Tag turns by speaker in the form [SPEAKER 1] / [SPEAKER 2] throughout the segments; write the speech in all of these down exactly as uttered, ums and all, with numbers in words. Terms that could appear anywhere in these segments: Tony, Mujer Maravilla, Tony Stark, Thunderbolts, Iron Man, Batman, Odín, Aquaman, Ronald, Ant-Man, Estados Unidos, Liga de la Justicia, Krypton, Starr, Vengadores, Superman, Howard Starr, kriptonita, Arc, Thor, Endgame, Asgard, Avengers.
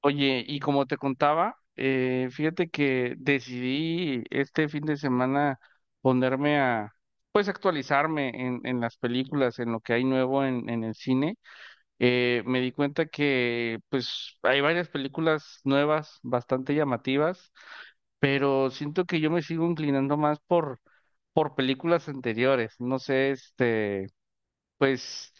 [SPEAKER 1] Oye, y como te contaba, eh, fíjate que decidí este fin de semana ponerme a, pues actualizarme en, en las películas, en lo que hay nuevo en, en el cine. Eh, me di cuenta que pues hay varias películas nuevas, bastante llamativas, pero siento que yo me sigo inclinando más por, por películas anteriores. No sé, este, pues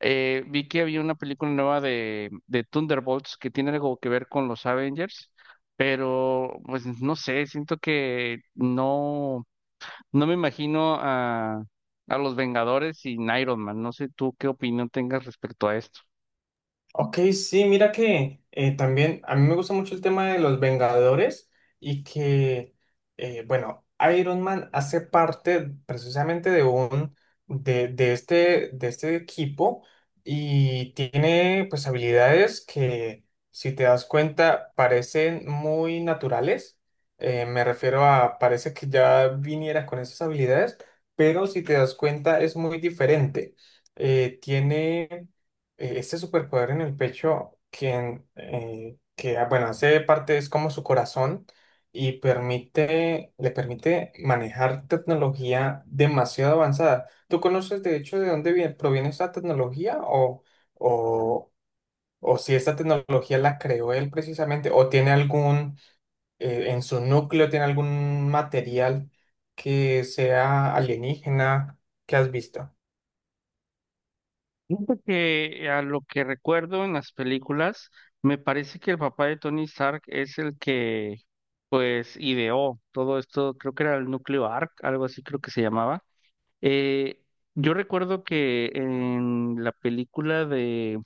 [SPEAKER 1] eh, vi que había una película nueva de, de Thunderbolts que tiene algo que ver con los Avengers, pero pues no sé, siento que no, no me imagino a, a los Vengadores sin Iron Man. No sé tú qué opinión tengas respecto a esto.
[SPEAKER 2] Ok, sí, mira que eh, también a mí me gusta mucho el tema de los Vengadores y que, eh, bueno, Iron Man hace parte precisamente de un, de, de este, de este equipo y tiene pues habilidades que, si te das cuenta, parecen muy naturales. Eh, me refiero a, parece que ya viniera con esas habilidades, pero si te das cuenta es muy diferente. Eh, tiene eh, este superpoder en el pecho que, en- eh, que ah, bueno, hace parte, es como su corazón y permite, le permite manejar tecnología demasiado avanzada. ¿Tú conoces de hecho de dónde viene, proviene esta tecnología o, o, o si esta tecnología la creó él precisamente o tiene algún, eh, en su núcleo tiene algún material que sea alienígena que has visto?
[SPEAKER 1] Siento que a lo que recuerdo en las películas, me parece que el papá de Tony Stark es el que pues ideó todo esto, creo que era el núcleo Arc, algo así creo que se llamaba. Eh, yo recuerdo que en la película de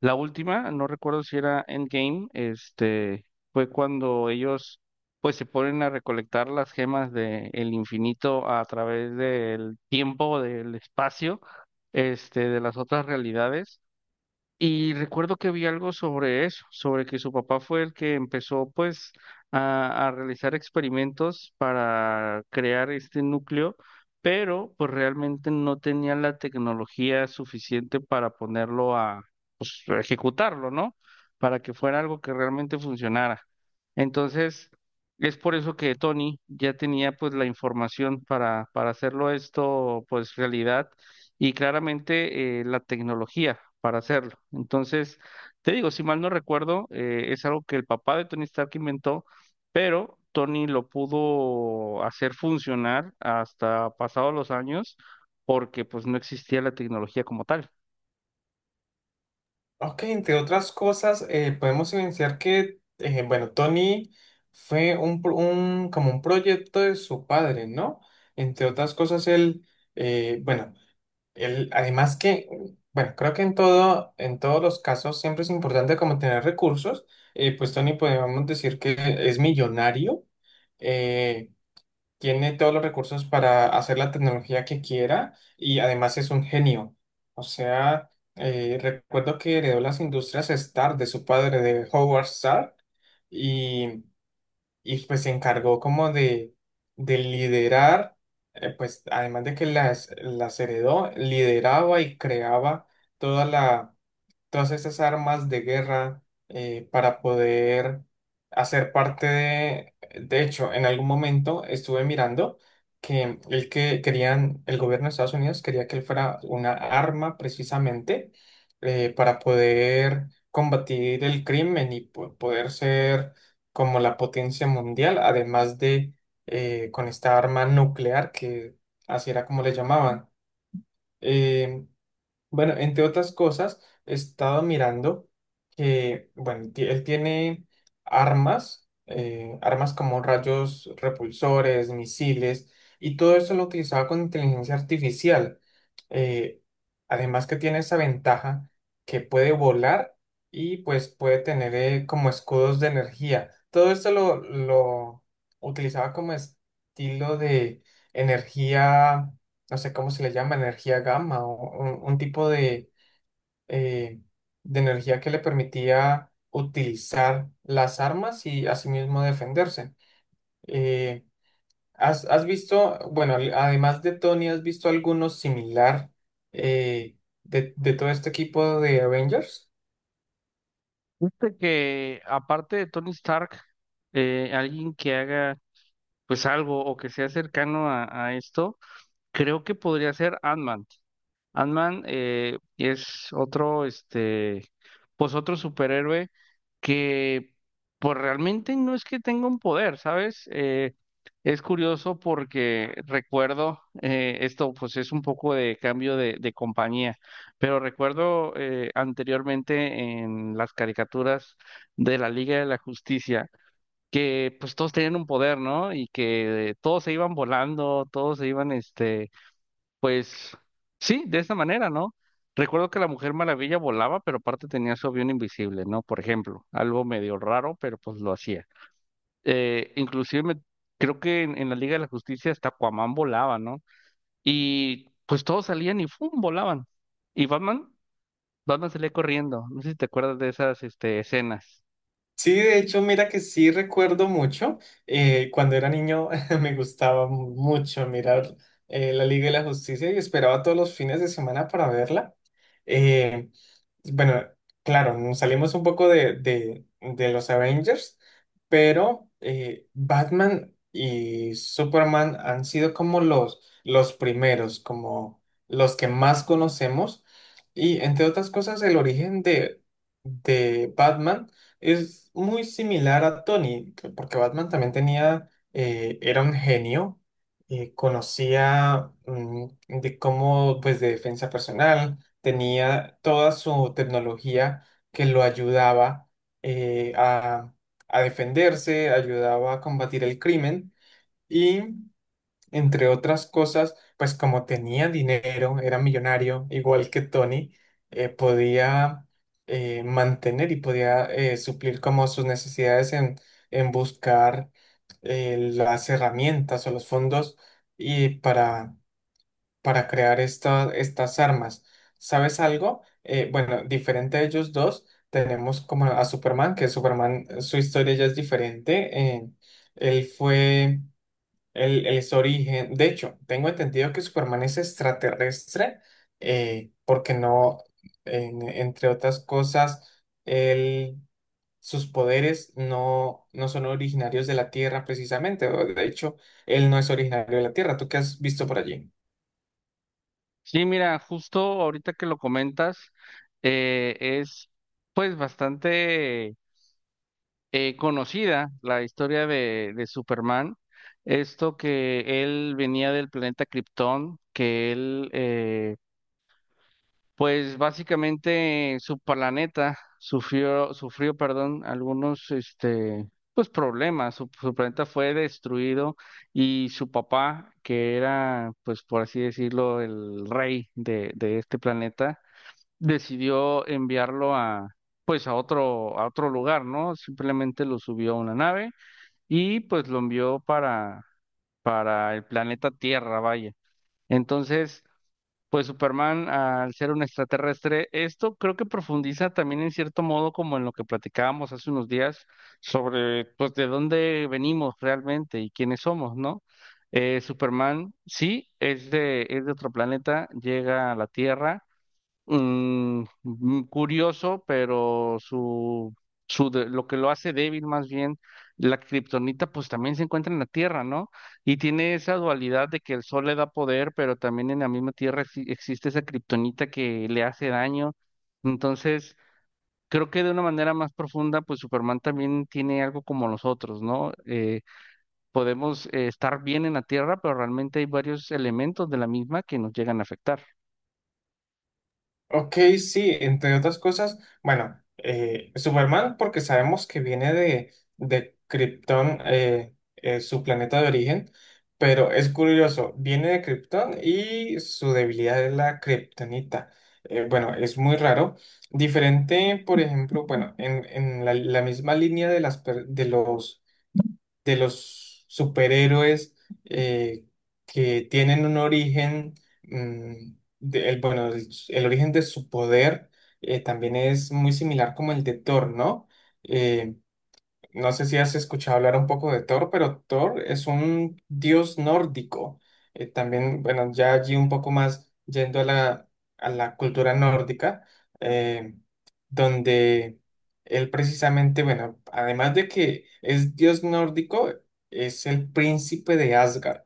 [SPEAKER 1] la última, no recuerdo si era Endgame, este, fue cuando ellos pues se ponen a recolectar las gemas del infinito a través del tiempo, del espacio, este, de las otras realidades. Y recuerdo que vi algo sobre eso, sobre que su papá fue el que empezó pues a, a realizar experimentos para crear este núcleo, pero pues realmente no tenía la tecnología suficiente para ponerlo a, pues, a ejecutarlo, ¿no? Para que fuera algo que realmente funcionara. Entonces, es por eso que Tony ya tenía pues la información para, para hacerlo esto pues realidad y claramente eh, la tecnología para hacerlo. Entonces, te digo, si mal no recuerdo, eh, es algo que el papá de Tony Stark inventó, pero Tony lo pudo hacer funcionar hasta pasados los años porque pues no existía la tecnología como tal.
[SPEAKER 2] Ok, entre otras cosas, eh, podemos evidenciar que, eh, bueno, Tony fue un, pro- un- como un proyecto de su padre, ¿no? Entre otras cosas, él, eh, bueno, él, además que, bueno, creo que en todo, en todos los casos siempre es importante como tener recursos. Eh, pues Tony podemos decir que es millonario. eh, Tiene todos los recursos para hacer la tecnología que quiera y además es un genio. O sea, eh, recuerdo que heredó las industrias Starr de su padre, de Howard Starr, y, y, pues se encargó como de, de liderar. Eh, pues además de que las, las heredó, lideraba y creaba toda la todas estas armas de guerra eh, para poder hacer parte de... De hecho, en algún momento estuve mirando que el que querían, el gobierno de Estados Unidos quería que él fuera una arma precisamente, eh, para poder combatir el crimen y po- poder ser como la potencia mundial, además de eh, con esta arma nuclear que así era como le llamaban. Em, bueno, Entre otras cosas, he estado mirando que, bueno, ti- él tiene armas, eh, armas como rayos repulsores, misiles, y todo eso lo utilizaba con inteligencia artificial. Eh, Además que tiene esa ventaja que puede volar y pues puede tener eh, como escudos de energía. Todo esto lo, lo utilizaba como estilo de energía, no sé cómo se le llama, energía gamma o un, un tipo de, eh, de energía que le permitía utilizar las armas y asimismo defenderse. Eh, ¿has, ¿has visto, bueno, al- además de Tony, has visto alguno similar eh, de, de todo este equipo de Avengers?
[SPEAKER 1] Fíjate que aparte de Tony Stark, eh, alguien que haga pues algo o que sea cercano a, a esto, creo que podría ser ant Ant-Man. Eh, es otro, este, pues otro superhéroe que pues realmente no es que tenga un poder, ¿sabes? Eh, es curioso porque recuerdo, eh, esto pues es un poco de cambio de, de compañía, pero recuerdo eh, anteriormente en las caricaturas de la Liga de la Justicia que pues todos tenían un poder, ¿no? Y que todos se iban volando, todos se iban, este, pues sí, de esa manera, ¿no? Recuerdo que la Mujer Maravilla volaba, pero aparte tenía su avión invisible, ¿no? Por ejemplo, algo medio raro, pero pues lo hacía. Eh, inclusive me- Creo que en, en la Liga de la Justicia hasta Aquaman volaba, ¿no? Y pues todos salían y ¡fum!, volaban. Y Batman, Batman salía corriendo. No sé si te acuerdas de esas este, escenas.
[SPEAKER 2] Sí, de hecho, mira que sí recuerdo mucho. Eh, cuando era niño me gustaba mu- mucho mirar eh, la Liga de la Justicia, y esperaba todos los fines de semana para verla. Eh, bueno, claro, nos salimos un poco de, de- de los Avengers, pero eh, Batman y Superman han sido como los, los primeros, como los que más conocemos. Y entre otras cosas, el origen de, de Batman es muy similar a Tony, que- porque Batman también tenía, eh, era un genio, eh, conocía, mm, de cómo, pues, de defensa personal. Tenía toda su tecnología que lo ayudaba eh, a, a defenderse, ayudaba a combatir el crimen y, entre otras cosas, pues como tenía dinero, era millonario, igual que Tony. Eh, podía eh, mantener y podía eh, suplir como sus necesidades en, en buscar eh, las herramientas o los fondos y para para crear esta- estas armas. ¿Sabes algo? Eh, bueno, Diferente a ellos dos, tenemos como a Superman, que Superman, eh, su historia ya es diferente. eh, él fue, él, él es origen. De hecho, tengo entendido que Superman es extraterrestre, eh, porque no, en- entre otras cosas, él, sus poderes no, no son originarios de la Tierra precisamente. O De hecho, él no es originario de la Tierra. ¿Tú qué has visto por allí?
[SPEAKER 1] Sí, mira, justo ahorita que lo comentas, eh, es pues bastante eh, conocida la historia de, de Superman, esto que él venía del planeta Krypton, que él, eh, pues básicamente su planeta sufrió, sufrió, perdón, algunos, este, pues problemas, su, su planeta fue destruido y su papá, que era, pues por así decirlo, el rey de, de este planeta, decidió enviarlo a... pues a otro, a otro lugar, ¿no? Simplemente lo subió a una nave y pues lo envió para, para el planeta Tierra, vaya. Entonces, pues Superman, al ser un extraterrestre, esto creo que profundiza también en cierto modo como en lo que platicábamos hace unos días sobre pues de dónde venimos realmente y quiénes somos, ¿no? Eh, Superman sí es de, es de otro planeta, llega a la Tierra, mm, mm, curioso, pero su, su de- lo que lo hace débil más bien, la kriptonita pues también se encuentra en la Tierra, ¿no? Y tiene esa dualidad de que el sol le da poder, pero también en la misma Tierra exi- existe esa kriptonita que le hace daño. Entonces, creo que de una manera más profunda, pues Superman también tiene algo como los otros, ¿no? Eh, podemos eh, estar bien en la Tierra, pero realmente hay varios elementos de la misma que nos llegan a afectar.
[SPEAKER 2] Ok, sí, entre otras cosas, bueno, eh, Superman, porque sabemos que viene de, de Krypton, eh, eh, su planeta de origen, pero es curioso, viene de Krypton y su debilidad es la kriptonita. Eh, bueno, es muy raro. Diferente, por ejemplo, bueno, en, en la, la misma línea de, las, per- de los de los superhéroes eh, que tienen un origen, mm, de- el, bueno, el, el origen de su poder eh, también es muy similar como el de Thor, ¿no? Eh, no sé si has escuchado hablar un poco de Thor, pero Thor es un dios nórdico. Eh, también, bueno, ya allí un poco más yendo a la, a la cultura nórdica, eh, donde él precisamente, bueno, además de que es dios nórdico, es el príncipe de Asgard,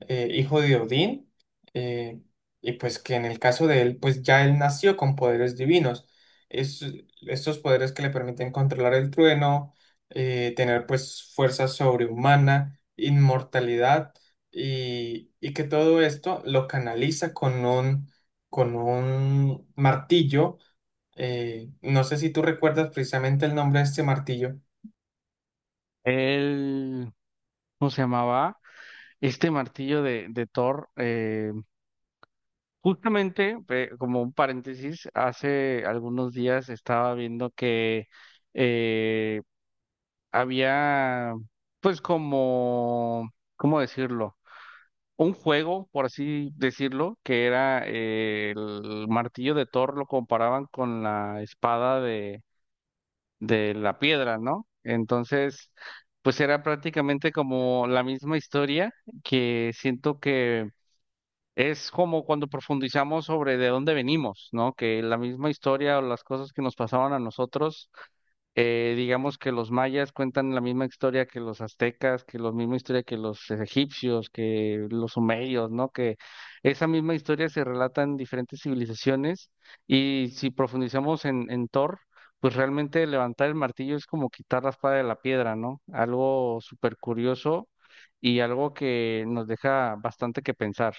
[SPEAKER 2] eh, hijo de Odín, eh, y pues que en el caso de él, pues ya él nació con poderes divinos. Es, Estos poderes que le permiten controlar el trueno, eh, tener pues fuerza sobrehumana, inmortalidad, y y que todo esto lo canaliza con un, con un martillo. Eh, no sé si tú recuerdas precisamente el nombre de este martillo.
[SPEAKER 1] Él, ¿cómo se llamaba? Este martillo de, de Thor, eh, justamente, eh, como un paréntesis, hace algunos días estaba viendo que eh, había, pues como, ¿cómo decirlo? Un juego, por así decirlo, que era eh, el martillo de Thor, lo comparaban con la espada de, de la piedra, ¿no? Entonces, pues era prácticamente como la misma historia que siento que es como cuando profundizamos sobre de dónde venimos, ¿no? Que la misma historia o las cosas que nos pasaban a nosotros, eh, digamos que los mayas cuentan la misma historia que los aztecas, que la misma historia que los egipcios, que los sumerios, ¿no? Que esa misma historia se relata en diferentes civilizaciones y si profundizamos en, en Thor, pues realmente levantar el martillo es como quitar la espada de la piedra, ¿no? Algo súper curioso y algo que nos deja bastante que pensar.